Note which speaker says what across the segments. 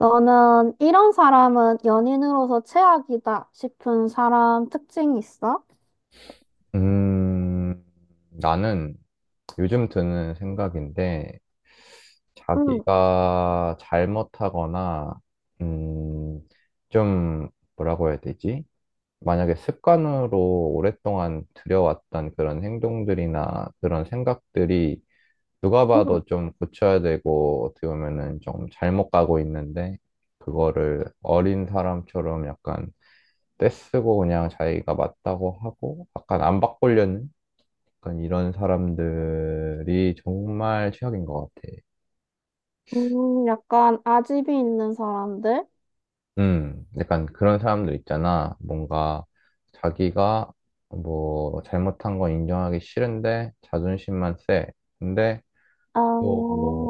Speaker 1: 너는 이런 사람은 연인으로서 최악이다 싶은 사람 특징 있어?
Speaker 2: 음, 나는 요즘 드는 생각인데,
Speaker 1: 응.
Speaker 2: 자기가 잘못하거나, 음, 좀, 뭐라고 해야 되지? 만약에 습관으로 오랫동안 들여왔던 그런 행동들이나 그런 생각들이 누가
Speaker 1: 응.
Speaker 2: 봐도 좀 고쳐야 되고, 어떻게 보면은 좀 잘못 가고 있는데, 그거를 어린 사람처럼 약간 떼쓰고 그냥 자기가 맞다고 하고, 약간 안 바꾸려는? 약간 이런 사람들이 정말 최악인 것 같아.
Speaker 1: 약간 아집이 있는 사람들?
Speaker 2: 약간 그런 사람들 있잖아. 뭔가 자기가 뭐 잘못한 건 인정하기 싫은데 자존심만 세. 근데
Speaker 1: 아.
Speaker 2: 또뭐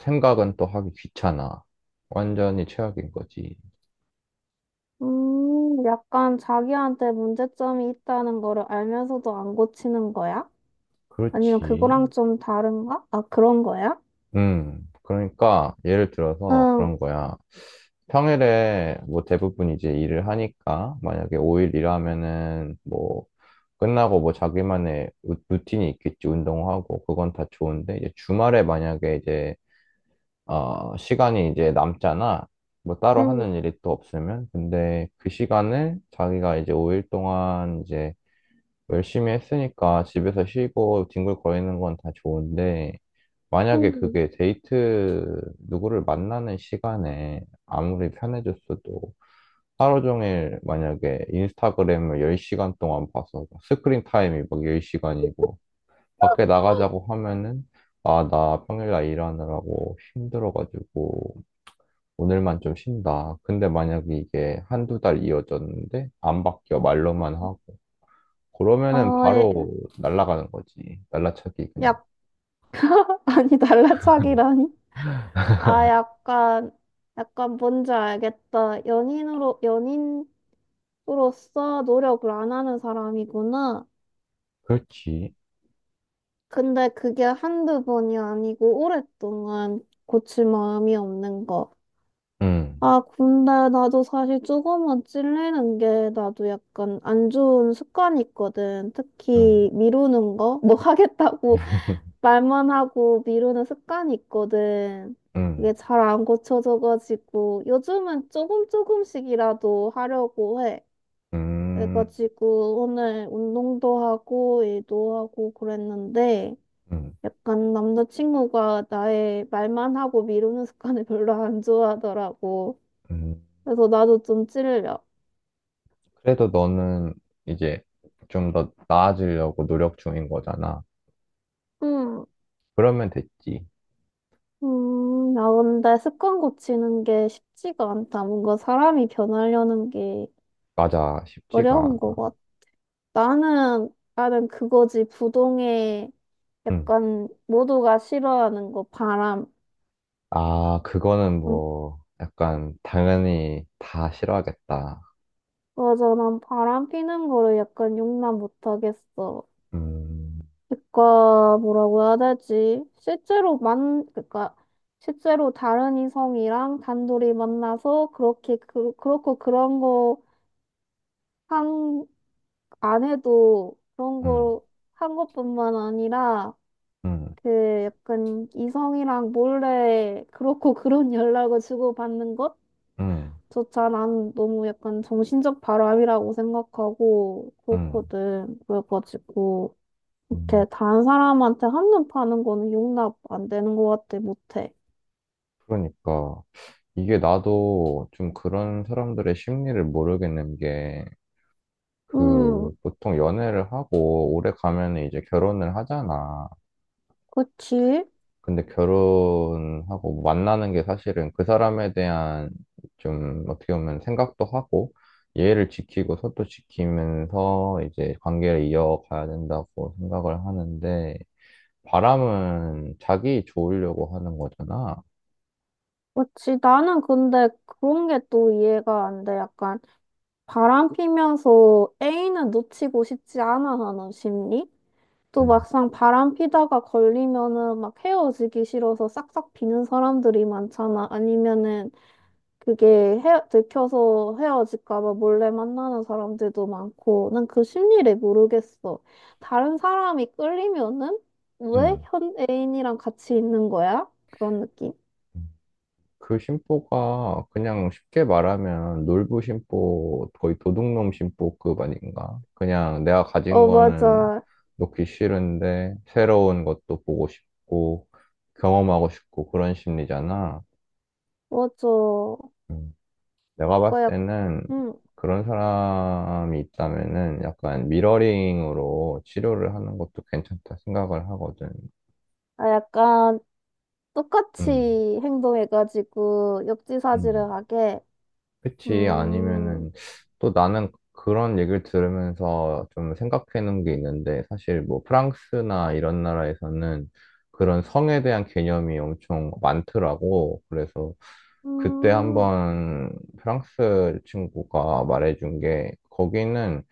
Speaker 2: 생각은 또 하기 귀찮아. 완전히 최악인 거지.
Speaker 1: 약간 자기한테 문제점이 있다는 거를 알면서도 안 고치는 거야? 아니면
Speaker 2: 그렇지.
Speaker 1: 그거랑 좀 다른가? 아, 그런 거야?
Speaker 2: 그러니까 예를 들어서
Speaker 1: 응.
Speaker 2: 그런 거야. 평일에 뭐 대부분 이제 일을 하니까 만약에 5일 일하면은 뭐 끝나고 뭐 자기만의 루틴이 있겠지, 운동하고, 그건 다 좋은데, 이제 주말에 만약에 이제, 시간이 이제 남잖아. 뭐 따로
Speaker 1: 응.
Speaker 2: 하는 일이 또 없으면. 근데 그 시간을 자기가 이제 5일 동안 이제 열심히 했으니까 집에서 쉬고 뒹굴거리는 건 다 좋은데, 만약에
Speaker 1: 응.
Speaker 2: 그게 데이트 누구를 만나는 시간에 아무리 편해졌어도 하루 종일 만약에 인스타그램을 10시간 동안 봐서 스크린 타임이 막 10시간이고 밖에 나가자고 하면은 아, 나 평일날 일하느라고 힘들어가지고 오늘만 좀 쉰다. 근데 만약에 이게 한두 달 이어졌는데 안 바뀌어 말로만 하고 그러면은
Speaker 1: 어. 예.
Speaker 2: 바로 날아가는 거지. 날라차기 그냥.
Speaker 1: 약, 아니, 달라차기라니? 아, 약간 뭔지 알겠다. 연인으로서 노력을 안 하는 사람이구나.
Speaker 2: 그렇지.
Speaker 1: 근데 그게 한두 번이 아니고 오랫동안 고칠 마음이 없는 거.
Speaker 2: 응,
Speaker 1: 아, 근데 나도 사실 조금만 찔리는 게 나도 약간 안 좋은 습관이 있거든.
Speaker 2: 응,
Speaker 1: 특히 미루는 거? 뭐
Speaker 2: 응,
Speaker 1: 하겠다고 말만 하고 미루는 습관이 있거든. 이게 잘 안 고쳐져가지고 요즘은 조금씩이라도 하려고 해.
Speaker 2: 음,
Speaker 1: 그래가지고 오늘 운동도 하고 일도 하고 그랬는데
Speaker 2: 음,
Speaker 1: 약간 남자친구가 나의 말만 하고 미루는 습관을 별로 안 좋아하더라고.
Speaker 2: 음.
Speaker 1: 그래서 나도 좀 찔려.
Speaker 2: 그래도 너는 이제 좀 더 나아지려고 노력 중인 거잖아.
Speaker 1: 음,
Speaker 2: 그러면 됐지.
Speaker 1: 나 근데 습관 고치는 게 쉽지가 않다. 뭔가 사람이 변하려는 게
Speaker 2: 맞아, 쉽지가
Speaker 1: 어려운 거
Speaker 2: 않아.
Speaker 1: 같아. 나는, 나는 그거지. 부동의
Speaker 2: 응.
Speaker 1: 약간 모두가 싫어하는 거, 바람.
Speaker 2: 아, 그거는
Speaker 1: 음,
Speaker 2: 뭐, 약간, 당연히 다 싫어하겠다.
Speaker 1: 맞아. 난 바람 피는 거를 약간 용납 못 하겠어.
Speaker 2: 음,
Speaker 1: 그니까, 뭐라고 해야 되지? 실제로 실제로 다른 이성이랑 단둘이 만나서 그렇게, 그렇고 그런 거 한, 안 해도 그런
Speaker 2: 음,
Speaker 1: 거 한 것뿐만 아니라
Speaker 2: 음,
Speaker 1: 그 약간 이성이랑 몰래 그렇고 그런 연락을 주고받는
Speaker 2: 음,
Speaker 1: 것조차 난 너무 약간 정신적 바람이라고 생각하고
Speaker 2: 음.
Speaker 1: 그렇거든. 그래가지고
Speaker 2: 음.
Speaker 1: 이렇게 다른 사람한테 한눈 파는 거는 용납 안 되는 것 같아. 못해.
Speaker 2: 그러니까, 이게 나도 좀 그런 사람들의 심리를 모르겠는 게,
Speaker 1: 음,
Speaker 2: 그, 보통 연애를 하고 오래 가면 이제 결혼을 하잖아.
Speaker 1: 그치.
Speaker 2: 근데 결혼하고 뭐 만나는 게 사실은 그 사람에 대한 좀 어떻게 보면 생각도 하고 예의를 지키고 서로 지키면서 이제 관계를 이어가야 된다고 생각을 하는데 바람은 자기 좋으려고 하는 거잖아.
Speaker 1: 그치. 나는 근데 그런 게 또 이해가 안 돼. 약간 바람 피면서 애인은 놓치고 싶지 않아 하는 심리? 또
Speaker 2: 음.
Speaker 1: 막상 바람 피다가 걸리면은 막 헤어지기 싫어서 싹싹 비는 사람들이 많잖아. 아니면은 그게 들켜서 헤어질까 봐 몰래 만나는 사람들도 많고. 난 그 심리를 모르겠어. 다른 사람이 끌리면은 왜 현 애인이랑 같이 있는 거야? 그런 느낌?
Speaker 2: 음. 그 심보가 그냥 쉽게 말하면 놀부 심보, 거의 도둑놈 심보급 아닌가? 그냥 내가 가진
Speaker 1: 어,
Speaker 2: 거는
Speaker 1: 맞아.
Speaker 2: 놓기 싫은데 새로운 것도 보고 싶고 경험하고 싶고 그런 심리잖아.
Speaker 1: 맞아.
Speaker 2: 음. 내가 봤을
Speaker 1: 그거 약,
Speaker 2: 때는
Speaker 1: 음,
Speaker 2: 그런 사람이 있다면은 약간 미러링으로 치료를 하는 것도 괜찮다 생각을 하거든.
Speaker 1: 아, 약간 똑같이
Speaker 2: 음.
Speaker 1: 행동해가지고
Speaker 2: 음.
Speaker 1: 역지사지를 하게.
Speaker 2: 그치.
Speaker 1: 음.
Speaker 2: 아니면은 또 나는 그런 얘기를 들으면서 좀 생각해 놓은 게 있는데 사실 뭐 프랑스나 이런 나라에서는 그런 성에 대한 개념이 엄청 많더라고. 그래서 그때
Speaker 1: 음.
Speaker 2: 한번 프랑스 친구가 말해준 게 거기는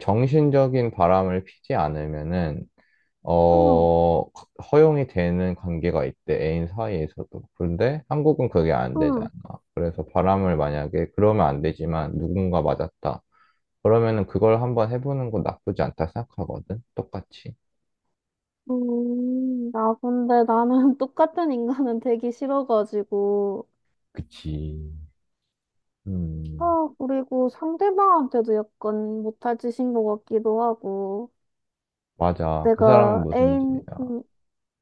Speaker 2: 정신적인 바람을 피지 않으면은
Speaker 1: 음.
Speaker 2: 어, 허용이 되는 관계가 있대, 애인 사이에서도. 그런데 한국은 그게 안 되잖아.
Speaker 1: 음.
Speaker 2: 그래서 바람을 만약에, 그러면 안 되지만 누군가 맞았다. 그러면은 그걸 한번 해보는 건 나쁘지 않다 생각하거든? 똑같이.
Speaker 1: 음. 나 근데 나는 똑같은 인간은 되기 싫어가지고.
Speaker 2: 그치. 음,
Speaker 1: 아, 그리고 상대방한테도 약간 못할 짓인 것 같기도 하고.
Speaker 2: 맞아. 그 사람은
Speaker 1: 내가
Speaker 2: 무슨
Speaker 1: 애인,
Speaker 2: 죄야.
Speaker 1: 음,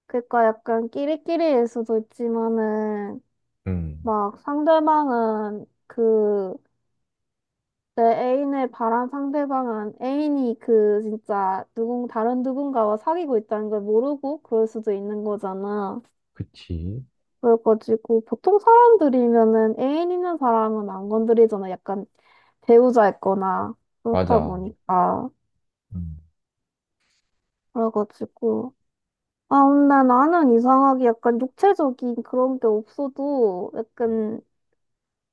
Speaker 1: 그러니까 약간 끼리끼리일 수도 있지만은,
Speaker 2: 음,
Speaker 1: 막 상대방은 내 애인을 바란 상대방은 애인이 그 진짜 다른 누군가와 사귀고 있다는 걸 모르고 그럴 수도 있는 거잖아.
Speaker 2: 그치.
Speaker 1: 그래가지고 보통 사람들이면은 애인 있는 사람은 안 건드리잖아. 약간 배우자였거나 그렇다
Speaker 2: 맞아.
Speaker 1: 보니까.
Speaker 2: 음,
Speaker 1: 그래가지고. 아, 근데 나는 이상하게 약간 육체적인 그런 게 없어도 약간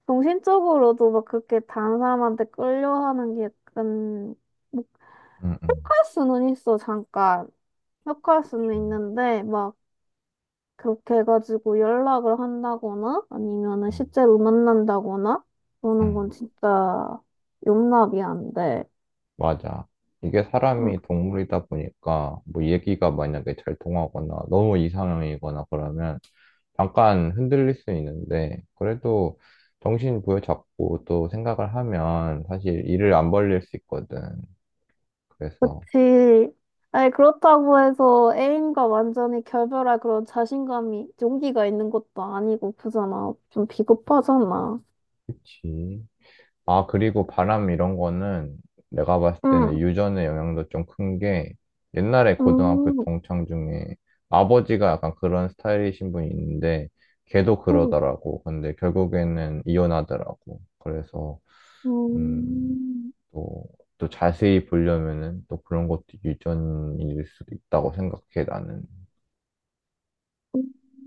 Speaker 1: 정신적으로도 막 그렇게 다른 사람한테 끌려하는 게 약간 못
Speaker 2: 음, 음.
Speaker 1: 갈 수는 있어, 잠깐. 못 갈 수는 있는데, 막 그렇게 해가지고 연락을 한다거나 아니면은
Speaker 2: 음,
Speaker 1: 실제로 만난다거나 그러는 건
Speaker 2: 음.
Speaker 1: 진짜 용납이 안 돼.
Speaker 2: 맞아. 이게
Speaker 1: 음,
Speaker 2: 사람이 동물이다 보니까 뭐 얘기가 만약에 잘 통하거나 너무 이상형이거나 그러면 잠깐 흔들릴 수 있는데 그래도 정신 부여잡고 또 생각을 하면 사실 일을 안 벌릴 수 있거든. 그래서
Speaker 1: 그치. 아니, 그렇다고 해서 애인과 완전히 결별할 그런 자신감이, 용기가 있는 것도 아니고, 그잖아. 좀 비겁하잖아.
Speaker 2: 그치. 아, 그리고 바람 이런 거는 내가 봤을
Speaker 1: 응.
Speaker 2: 때는 유전의 영향도 좀 큰 게 옛날에 고등학교
Speaker 1: 음.
Speaker 2: 동창 중에 아버지가 약간 그런 스타일이신 분이 있는데 걔도
Speaker 1: 음.
Speaker 2: 그러더라고. 근데 결국에는 이혼하더라고. 그래서, 음,
Speaker 1: 음.
Speaker 2: 또, 또 자세히 보려면은 또 그런 것도 유전일 수도 있다고 생각해, 나는.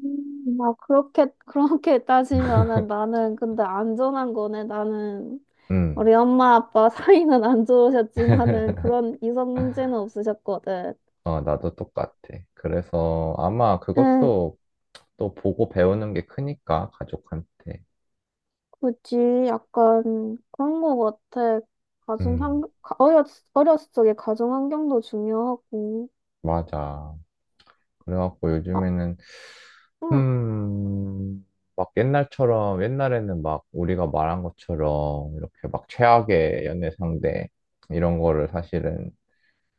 Speaker 1: 음. 막 그렇게 따지면은 나는 근데 안전한 거네, 나는.
Speaker 2: 음,
Speaker 1: 우리 엄마 아빠 사이는 안 좋으셨지만은 그런 이성 문제는 없으셨거든.
Speaker 2: 나도 똑같아. 그래서 아마
Speaker 1: 응,
Speaker 2: 그것도 또 보고 배우는 게 크니까, 가족한테.
Speaker 1: 그치. 약간 그런 거 같아. 가정
Speaker 2: 음,
Speaker 1: 환경, 어렸을 적에 가정 환경도 중요하고.
Speaker 2: 맞아. 그래갖고
Speaker 1: 아,
Speaker 2: 요즘에는,
Speaker 1: 응.
Speaker 2: 음, 막 옛날처럼, 옛날에는 막 우리가 말한 것처럼 이렇게 막 최악의 연애 상대, 이런 거를 사실은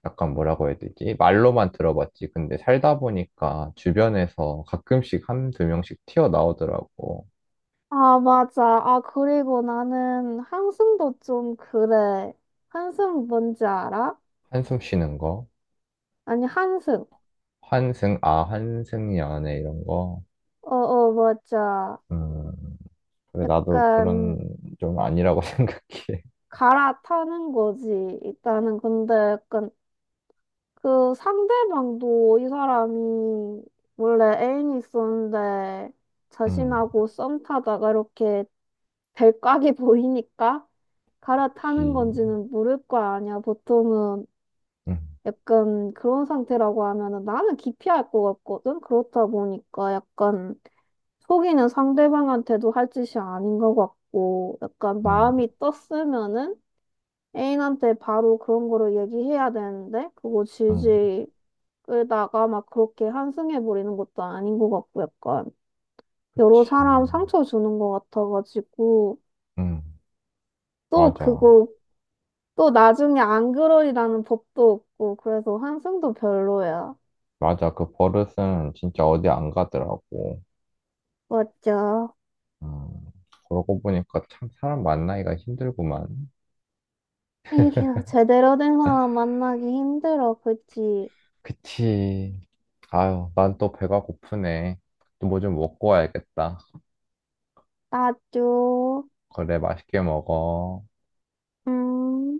Speaker 2: 약간 뭐라고 해야 되지? 말로만 들어봤지. 근데 살다 보니까 주변에서 가끔씩 한 두 명씩 튀어나오더라고.
Speaker 1: 아, 맞아. 아, 그리고 나는 한숨도 좀 그래. 한숨 뭔지 알아?
Speaker 2: 한숨 쉬는 거.
Speaker 1: 아니, 한숨.
Speaker 2: 환승 연애 이런 거.
Speaker 1: 어, 어, 맞아.
Speaker 2: 음, 그래, 나도 그런
Speaker 1: 약간
Speaker 2: 좀 아니라고 생각해.
Speaker 1: 갈아타는 거지. 일단은 근데 약간 그 상대방도 이 사람이 원래 애인이 있었는데
Speaker 2: 음.
Speaker 1: 자신하고 썸 타다가 이렇게 별각이 보이니까 갈아타는
Speaker 2: 그치.
Speaker 1: 건지는 모를 거 아니야. 보통은
Speaker 2: 음,
Speaker 1: 약간 그런 상태라고 하면은 나는 기피할 것 같거든. 그렇다 보니까 약간 속이는 상대방한테도 할 짓이 아닌 것 같고 약간
Speaker 2: 음,
Speaker 1: 마음이 떴으면은 애인한테 바로 그런 거를 얘기해야 되는데 그거
Speaker 2: 음,
Speaker 1: 질질 끌다가 막 그렇게 한승해 버리는 것도 아닌 것 같고 약간 여러
Speaker 2: 그치.
Speaker 1: 사람 상처 주는 것 같아가지고
Speaker 2: 음,
Speaker 1: 또
Speaker 2: 맞아.
Speaker 1: 그거 또 나중에 안 그러리라는 법도 없고 그래서 한승도 별로야.
Speaker 2: 맞아. 그 버릇은 진짜 어디 안 가더라고.
Speaker 1: 맞죠?
Speaker 2: 음, 그러고 보니까 참 사람 만나기가 힘들구만.
Speaker 1: 에휴, 제대로 된 사람 만나기 힘들어 그치?
Speaker 2: 그치. 아유, 난 또 배가 고프네. 또 뭐 좀 먹고 와야겠다.
Speaker 1: 맞죠?
Speaker 2: 그래, 맛있게 먹어.
Speaker 1: 음.